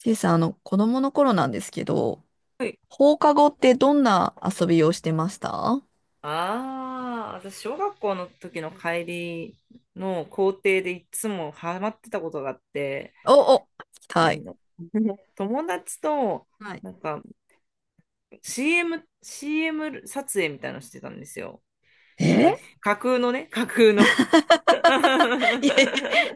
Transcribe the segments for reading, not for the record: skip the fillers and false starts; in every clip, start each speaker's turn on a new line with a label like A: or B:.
A: ちいさん、子供の頃なんですけど、
B: い。
A: 放課後ってどんな遊びをしてました？
B: ああ、私、小学校の時の帰りの校庭でいつもハマってたことがあって、
A: お、お、聞き
B: あ
A: たい。
B: の 友達と、
A: はい。
B: なんか CM 撮影みたいなのしてたんですよ。あの、
A: え
B: 架空のね、架空の 確
A: いえ、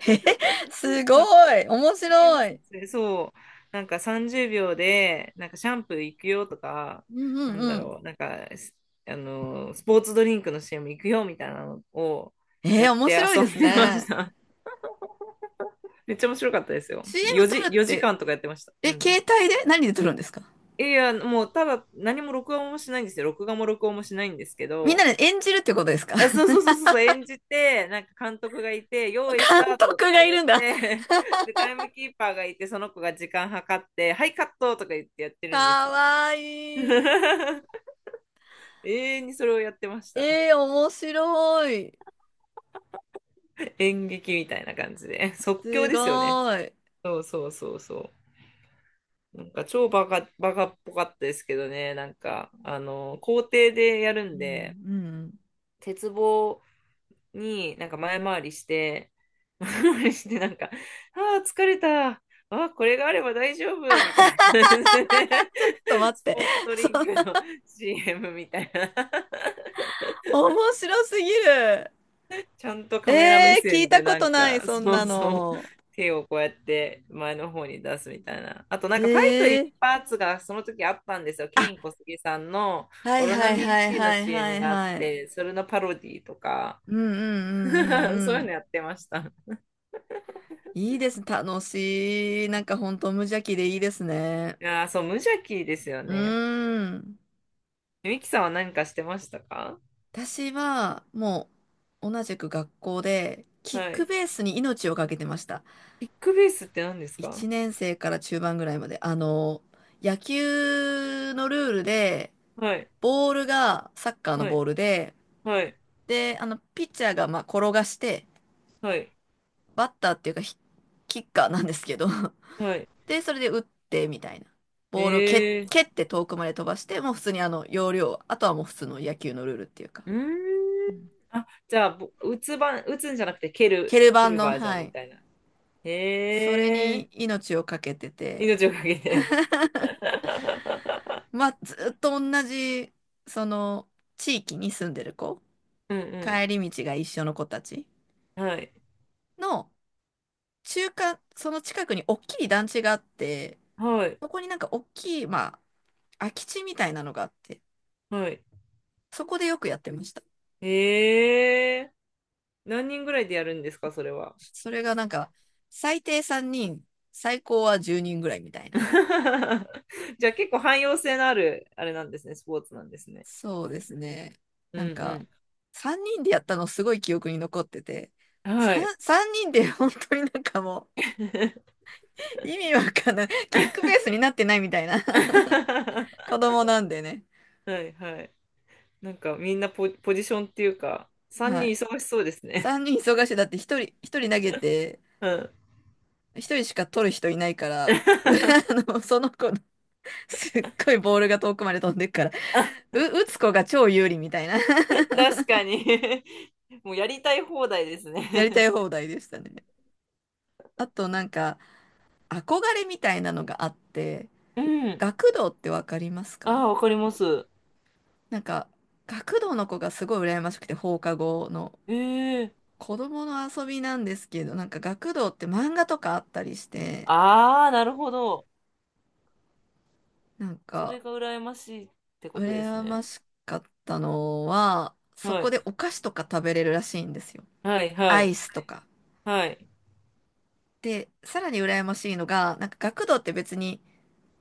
A: えすごい、面
B: 定を
A: 白い。
B: 説明、そう、なんか30秒で、なんかシャンプー行くよとか、
A: うんう
B: な
A: ん
B: ん
A: う
B: だ
A: ん。
B: ろう、なんか、あの、スポーツドリンクの c も行くよみたいなのを
A: え
B: やっ
A: ー、面
B: て
A: 白い
B: 遊
A: で
B: ん
A: す
B: でまし
A: ね。
B: た。めっちゃ面白かったですよ。
A: CM
B: 4
A: 撮
B: 時、
A: るっ
B: 4
A: て、
B: 時間とかやってました。
A: え、
B: うん。
A: 携帯で何で撮るんですか？
B: いや、もうただ何も録音もしないんですよ。録画も録音もしないんですけ
A: みんな
B: ど、
A: で演じるってことですか？
B: あ、そう そうそうそうそう、演じて、なんか監督がいて、用意ス
A: 監
B: ター
A: 督
B: トとか
A: がい
B: 言っ
A: るんだ。
B: て、で、タイムキーパーがいて、その子が時間計って、はい、カットとか言ってやって
A: か
B: るんですよ。
A: わいい。
B: 永遠にそれをやってました。
A: えー、面白い。
B: 演劇みたいな感じで。即興
A: す
B: で
A: ご
B: すよね。
A: い。
B: そうそうそうそう。なんか超バカ、バカっぽかったですけどね、なんか、あの、校庭でやる
A: う
B: ん
A: ん
B: で、
A: うん。
B: 鉄棒になんか前回りして、前回りしてなんか、ああ、疲れた。ああ、これがあれば大丈夫みたいな感じで、
A: ちょっと待っ
B: ス
A: て。
B: ポーツド
A: そ
B: リン
A: の
B: クの CM みたいな。
A: 面白すぎる。
B: ちゃんとカメラ目
A: えー、聞い
B: 線
A: た
B: で
A: こ
B: なん
A: とない、
B: か、
A: そん
B: そう
A: な
B: そう、
A: の。
B: 手をこうやって前の方に出すみたいな。あとなんかファイト
A: え
B: 一
A: ー、
B: 発がその時あったんですよ。ケ
A: あ、
B: イン小杉さんの
A: は
B: オ
A: い
B: ロ
A: は
B: ナ
A: い
B: ミン
A: はい
B: C の
A: はいは
B: CM
A: い
B: があっ
A: はい。
B: て、それのパロディとか、
A: うんうんうん うん
B: そう
A: う
B: いうの
A: ん。
B: やってました。
A: いいです。楽しい。なんか本当無邪気でいいですね。
B: いやー、そう、無邪気ですよ
A: う
B: ね。
A: ーん。
B: ミキさんは何かしてましたか？
A: 私はもう同じく学校でキッ
B: は
A: ク
B: い。
A: ベースに命をかけてました。
B: キックベースって何です
A: 1
B: か？
A: 年生から中盤ぐらいまで。野球のルールで、
B: はい、
A: ボールがサッカーの
B: は
A: ボ
B: い、
A: ールで、
B: はい、
A: で、ピッチャーがまあ転がして、
B: はい、
A: バッターっていうかキッカーなんですけど
B: はい。
A: で、それで打ってみたいな。ボールを
B: えー、
A: 蹴って遠くまで飛ばして、もう普通に要領、あとはもう普通の野球のルールっていうか、
B: うー
A: う
B: ん。
A: ん。
B: あ、じゃあ、ぼ打つ番、打つんじゃなくて蹴
A: 蹴
B: る、
A: る
B: 蹴
A: 版
B: る
A: の、
B: バージョ
A: は
B: ンみ
A: い、
B: たいな。
A: それ
B: へえ
A: に命をかけて
B: ー、
A: て、
B: 命をかけて。
A: まあ、ずっと同じ、その、地域に住んでる子、
B: うん
A: 帰り道が一緒の子たち
B: うん。はい、
A: の、中間、その近くに大きい団地があって、
B: はい、
A: そこになんか大きい、まあ、空き地みたいなのがあって、
B: はい。
A: そこでよくやってました。
B: へえー、何人ぐらいでやるんですか、それは。
A: それがなんか、最低3人、最高は10人ぐらいみたいな。
B: じゃあ結構汎用性のある、あれなんですね、スポーツなんですね。
A: そうですね。
B: う
A: なんか、
B: ん
A: 3人でやったのすごい記憶に残ってて、
B: うん。はい。
A: 3人で本当になんかもう、意味わかんない。キックベースになってないみたいな。
B: は
A: 子供なんでね。
B: いはい。なんかみんなポジションっていうか、3
A: は
B: 人
A: い。
B: 忙しそうですね。
A: 3人忙しい。だって1人投げて、
B: うん。
A: 1人しか取る人いないから、その子のすっごいボールが遠くまで飛んでっから打つ子が超有利みたいな
B: 確かに もうやりたい放題です
A: やりた
B: ね。
A: い放題でしたね。あとなんか憧れみたいなのがあって、
B: うん。
A: 学童ってわかりますか？
B: ああ、わかります。
A: なんか学童の子がすごい羨ましくて放課後の
B: ええ。
A: 子供の遊びなんですけど、なんか学童って漫画とかあったりして、
B: ああ、なるほど。
A: なん
B: そ
A: か
B: れが羨ましいってことです
A: 羨ま
B: ね。
A: しかったのは、そ
B: は
A: こ
B: い。
A: でお菓子とか食べれるらしいんですよ。
B: はい、は
A: ア
B: い、
A: イスとか。
B: はい。
A: で、さらに羨ましいのが、なんか学童って別に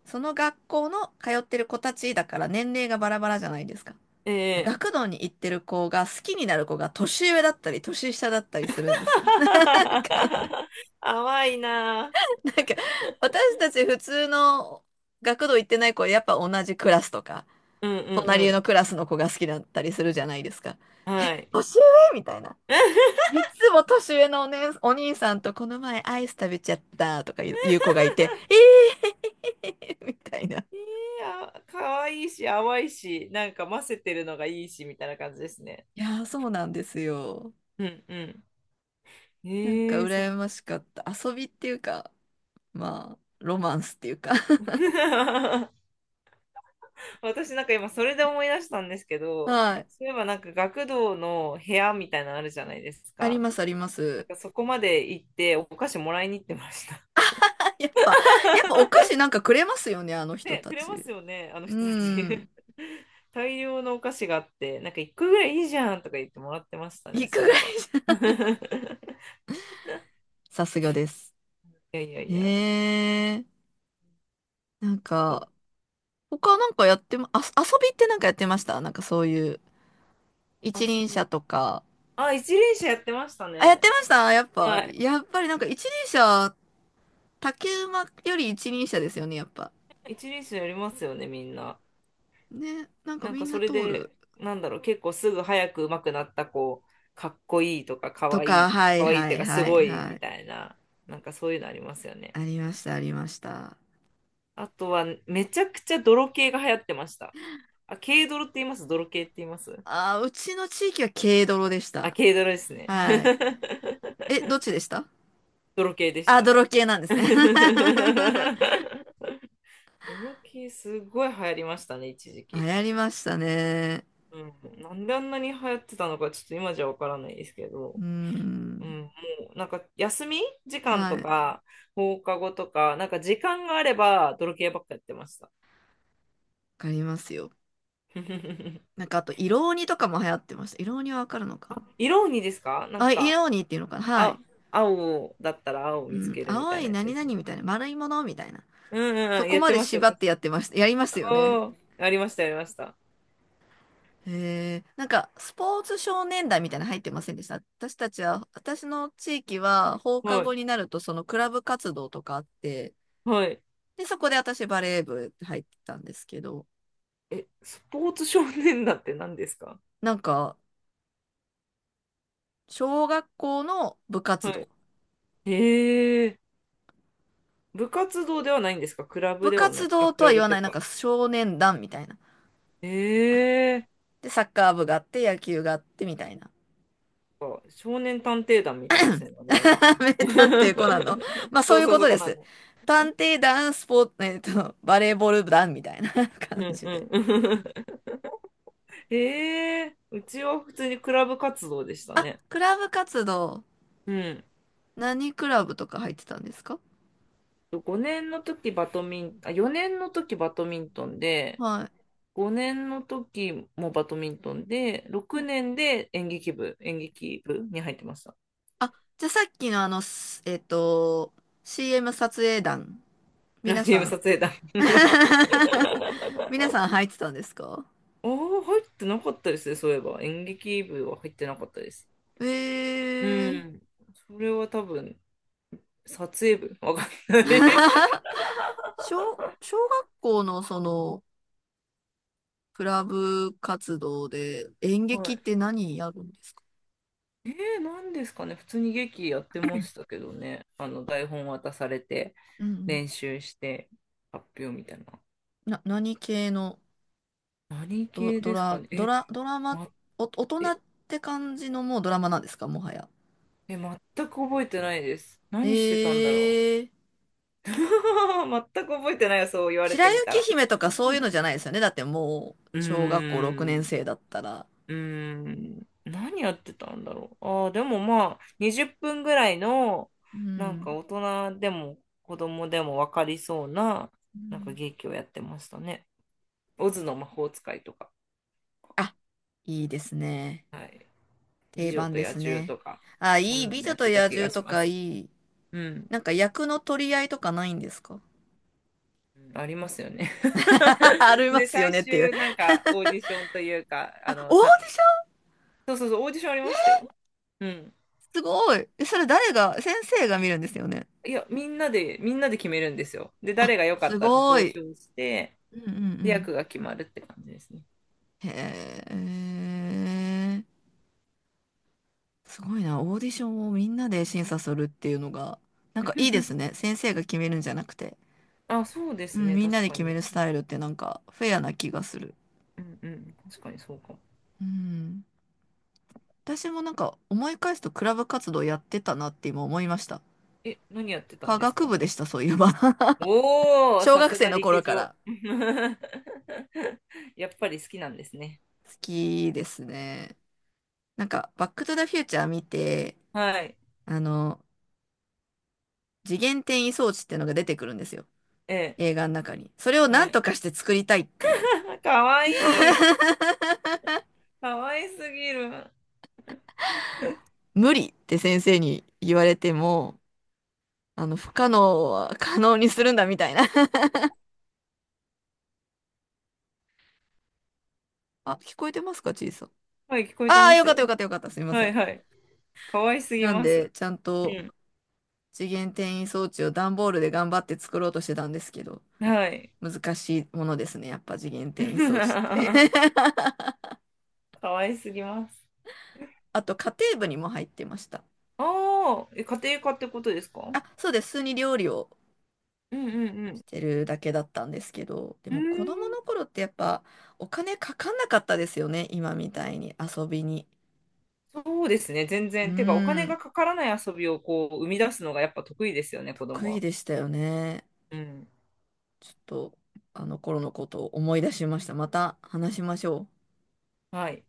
A: その学校の通ってる子たちだから年齢がバラバラじゃないですか。
B: ええ
A: 学童に行ってる子が好きになる子が年上だったり年下だったりするんですよ。か、
B: 淡いな。
A: なんか私たち普通の学童行ってない子はやっぱ同じクラスとか、
B: うんう
A: 隣の
B: ん
A: クラスの子が好きだったりするじゃないですか。
B: うん。はい。
A: 年上みたいな。三つも年上のね、お兄さんとこの前アイス食べちゃったとかいう子がいて、えー、みたいな。い
B: いや、可愛いし、淡いし、なんか混ぜてるのがいいし、みたいな感じですね。
A: やー、そうなんですよ。
B: うんうん。
A: なんか
B: ええ。そっ
A: 羨
B: か。
A: ましかった。遊びっていうか、まあ、ロマンスっていうか
B: 私なんか今それで思い出したんですけ ど、
A: はい。
B: そういえばなんか学童の部屋みたいなのあるじゃないです
A: あり
B: か。
A: ます、ありま
B: なん
A: す。
B: かそこまで行ってお菓子もらいに行ってました。
A: あ、やっぱお菓子なんかくれますよね、あの人
B: で、
A: た
B: くれま
A: ち。
B: すよね、あの
A: う
B: 人たち。
A: ん。
B: 大量のお菓子があって、なんか一個ぐらいいいじゃんとか言ってもらってましたね、
A: いく
B: そう
A: ぐ
B: いえ
A: らい
B: ば。
A: じゃ。さすがです。
B: いやいやいや。
A: へえ。なんか、他なんかやってま、あ、遊びってなんかやってました？なんかそういう、一
B: あ、そ
A: 輪
B: う。
A: 車とか。
B: あ、一輪車やってました
A: あ、やっ
B: ね。
A: てましたやっぱ、
B: はい。
A: やっぱりなんか一輪車、竹馬より一輪車ですよね、やっぱ。
B: 一輪車やりますよね、みんな。
A: ね、なんか
B: なん
A: み
B: か
A: ん
B: そ
A: な
B: れ
A: 通る。
B: で、なんだろう、結構すぐ早く上手くなった子、かっこいいとか、か
A: と
B: わいい、
A: か、
B: か
A: はい
B: わいいっ
A: は
B: ていう
A: い
B: か、す
A: はい
B: ごい
A: は
B: み
A: い。
B: たいな、なんかそういうのありますよね。
A: ありました、ありました。
B: あとは、めちゃくちゃ泥系が流行ってました。あ、軽泥って言います？泥系って言います？
A: あー、うちの地域は軽泥でし
B: あ、
A: た。
B: 軽ドラですね。
A: はい。え、どっちでした？
B: 泥系でし
A: あ、
B: た。
A: 泥系なんですね。
B: 泥系すごい流行りましたね、一時
A: 流
B: 期。
A: 行りましたね。
B: うん、なんであんなに流行ってたのか、ちょっと今じゃわからないですけ
A: う
B: ど、
A: ー
B: う
A: ん。
B: ん、もうなんか休み時間
A: は
B: と
A: い。わ
B: か放課後とか、なんか時間があれば泥系ばっかやってました。
A: かりますよ。なん かあと、色鬼とかも流行ってました。色鬼はわかるのか
B: 色鬼ですか？なん
A: なあ、
B: か、
A: 色鬼っていうのかな？はい。
B: あ、青だったら青を
A: う
B: 見つ
A: ん。
B: けるみ
A: 青
B: たい
A: い
B: なやつ
A: 何
B: ですね。
A: 々みたいな、丸いものみたいな。
B: うんうん
A: そ
B: うん、
A: こ
B: やっ
A: ま
B: て
A: で
B: まし
A: 縛
B: た
A: っ
B: よ。
A: てやってました。やりますよね。
B: おーありました、ありました。
A: へえ、なんか、スポーツ少年団みたいなの入ってませんでした？私たちは、私の地域は放課
B: はい
A: 後になると、そのクラブ活動とかあって、
B: はい。
A: で、そこで私バレー部入ってたんですけど、
B: え、スポーツ少年団って何ですか？
A: なんか、小学校の部活
B: は
A: 動。
B: い。へ部活動ではないんですか？クラブ
A: 部
B: ではな
A: 活
B: い。あ、
A: 動
B: ク
A: と
B: ラ
A: は
B: ブ
A: 言
B: っ
A: わ
B: てい
A: ない、
B: う
A: なん
B: か。
A: か少年団みたいな。
B: へえー。
A: で、サッカー部があって、野球があってみたいな。
B: あ、少年探偵団みたいですね、名前が。
A: 名探偵コナンの。ま あ、そ
B: そ
A: う
B: う
A: いう
B: そう、
A: こと
B: そこ
A: で
B: な
A: す。
B: の。
A: 探偵団、スポーツ、バレーボール団みたいな感
B: うん
A: じ
B: う
A: で。
B: ん。へうちは普通にクラブ活動でした
A: あ、
B: ね。
A: クラブ活動。
B: うん。
A: 何クラブとか入ってたんですか？
B: 5年の時バドミン、あ、4年の時バドミントンで、
A: は
B: 5年の時もバドミントンで、6
A: い。
B: 年で演劇部に入ってました。
A: あ、じゃあさっきのあの、すえっと、CM 撮影団。
B: あ、
A: 皆
B: チー
A: さ
B: ム撮
A: ん。
B: 影団。
A: 皆さん入ってたんですか？
B: ああ、入ってなかったですね、そういえば。演劇部は入ってなかったです。
A: え
B: う
A: ー。
B: ん。それは多分、撮影部わかんない
A: 小学校のクラブ活動で演
B: は
A: 劇って
B: い。
A: 何やるんですか？
B: えなんですかね。普通に劇やってましたけどね。台本渡されて、
A: うんうん。
B: 練習して、発表みたいな。
A: 何系の？
B: 何系ですかね。え、
A: ドラマ、
B: 待っ
A: 大人って感じのもうドラマなんですかもはや？
B: え、全く覚えてないです。何してたんだろ
A: ええ、
B: う。全く覚えてないよ、そう言われ
A: 白
B: てみた
A: 雪
B: ら。
A: 姫とかそういうのじゃないですよね。だってもう、
B: う
A: 小学校6
B: ー
A: 年
B: ん、
A: 生だったら。
B: うーん、何やってたんだろう。ああ、でもまあ、20分ぐらいの、
A: う
B: なんか
A: ん。
B: 大人でも子供でも分かりそうな、
A: う
B: なんか
A: ん
B: 劇をやってましたね。オズの魔法使いとか、
A: あ、いいですね。
B: はい。美
A: 定
B: 女
A: 番
B: と
A: で
B: 野
A: す
B: 獣
A: ね。
B: とか、
A: あ、
B: そ
A: いい。
B: んな
A: 美
B: のや
A: 女
B: っ
A: と
B: てた
A: 野
B: 気が
A: 獣
B: し
A: と
B: ま
A: か
B: す。
A: いい。
B: うん。
A: なんか役の取り合いとかないんですか？
B: うん、ありますよね。
A: あ りま
B: で、
A: すよ
B: 最
A: ねっていう。
B: 終、なんか、オーディションというか、
A: あ、オーディション、
B: そうそうそう、オーディションありましたよ。うん。
A: すごい。えそれ誰が、先生が見るんですよね。
B: いや、みんなで決めるんですよ。で、
A: あ、
B: 誰が良かっ
A: す
B: たって
A: ご
B: 投
A: い。
B: 票して、
A: うんうんう
B: で
A: ん。
B: 役が決まるって感じですね。
A: へえ。すごいな。オーディションをみんなで審査するっていうのが、なんかいいですね。先生が決めるんじゃなくて。
B: あ、そうで
A: う
B: す
A: ん、
B: ね、
A: みんな
B: 確
A: で
B: か
A: 決め
B: に。
A: るスタイルってなんかフェアな気がする。
B: うんうん、確かにそうかも。
A: うん。私もなんか思い返すとクラブ活動やってたなって今思いました。
B: え、何やってたん
A: 科
B: です
A: 学
B: か？
A: 部でした、そういえば。
B: おー、
A: 小
B: さ
A: 学
B: す
A: 生
B: が
A: の
B: リケ
A: 頃
B: ジ
A: か
B: ョ。
A: ら
B: やっぱり好きなんですね。
A: 好きですね。なんか、バックトゥザフューチャー見て、
B: はい。
A: あの、次元転移装置ってのが出てくるんですよ。
B: ええ、
A: 映画の中に。それをな
B: は
A: んと
B: い。
A: かして作りたいっていう。
B: かわいい。かわいすぎる。
A: 無理って先生に言われても、不可能は可能にするんだみたいな あ、聞こえてますか、ちいさん？
B: はい、聞こえて
A: ああ、
B: ま
A: よ
B: す
A: かった
B: よ。
A: よかったよかった。すみませ
B: は
A: ん。
B: いはい。かわいすぎ
A: なん
B: ま
A: で、
B: す。
A: ちゃん
B: う
A: と
B: ん。
A: 次元転移装置を段ボールで頑張って作ろうとしてたんですけど、
B: はい。
A: 難しいものですね。やっぱ次元転移装置って
B: かわいすぎます。
A: あと、家庭部にも入ってました。
B: ああ、え、家庭科ってことですか？
A: あ、そうです。普通に料理を
B: うんうんう
A: し
B: ん。
A: てるだけだったんですけど、で
B: うー
A: も子供
B: ん、
A: の頃ってやっぱお金かかんなかったですよね。今みたいに遊びに。
B: そうですね、全
A: う
B: 然。てか、お
A: ー
B: 金が
A: ん。
B: かからない遊びをこう生み出すのがやっぱ得意ですよね、子
A: 得
B: 供
A: 意
B: は。
A: でしたよね。
B: うん。
A: ちょっと、あの頃のことを思い出しました。また話しましょう。
B: はい。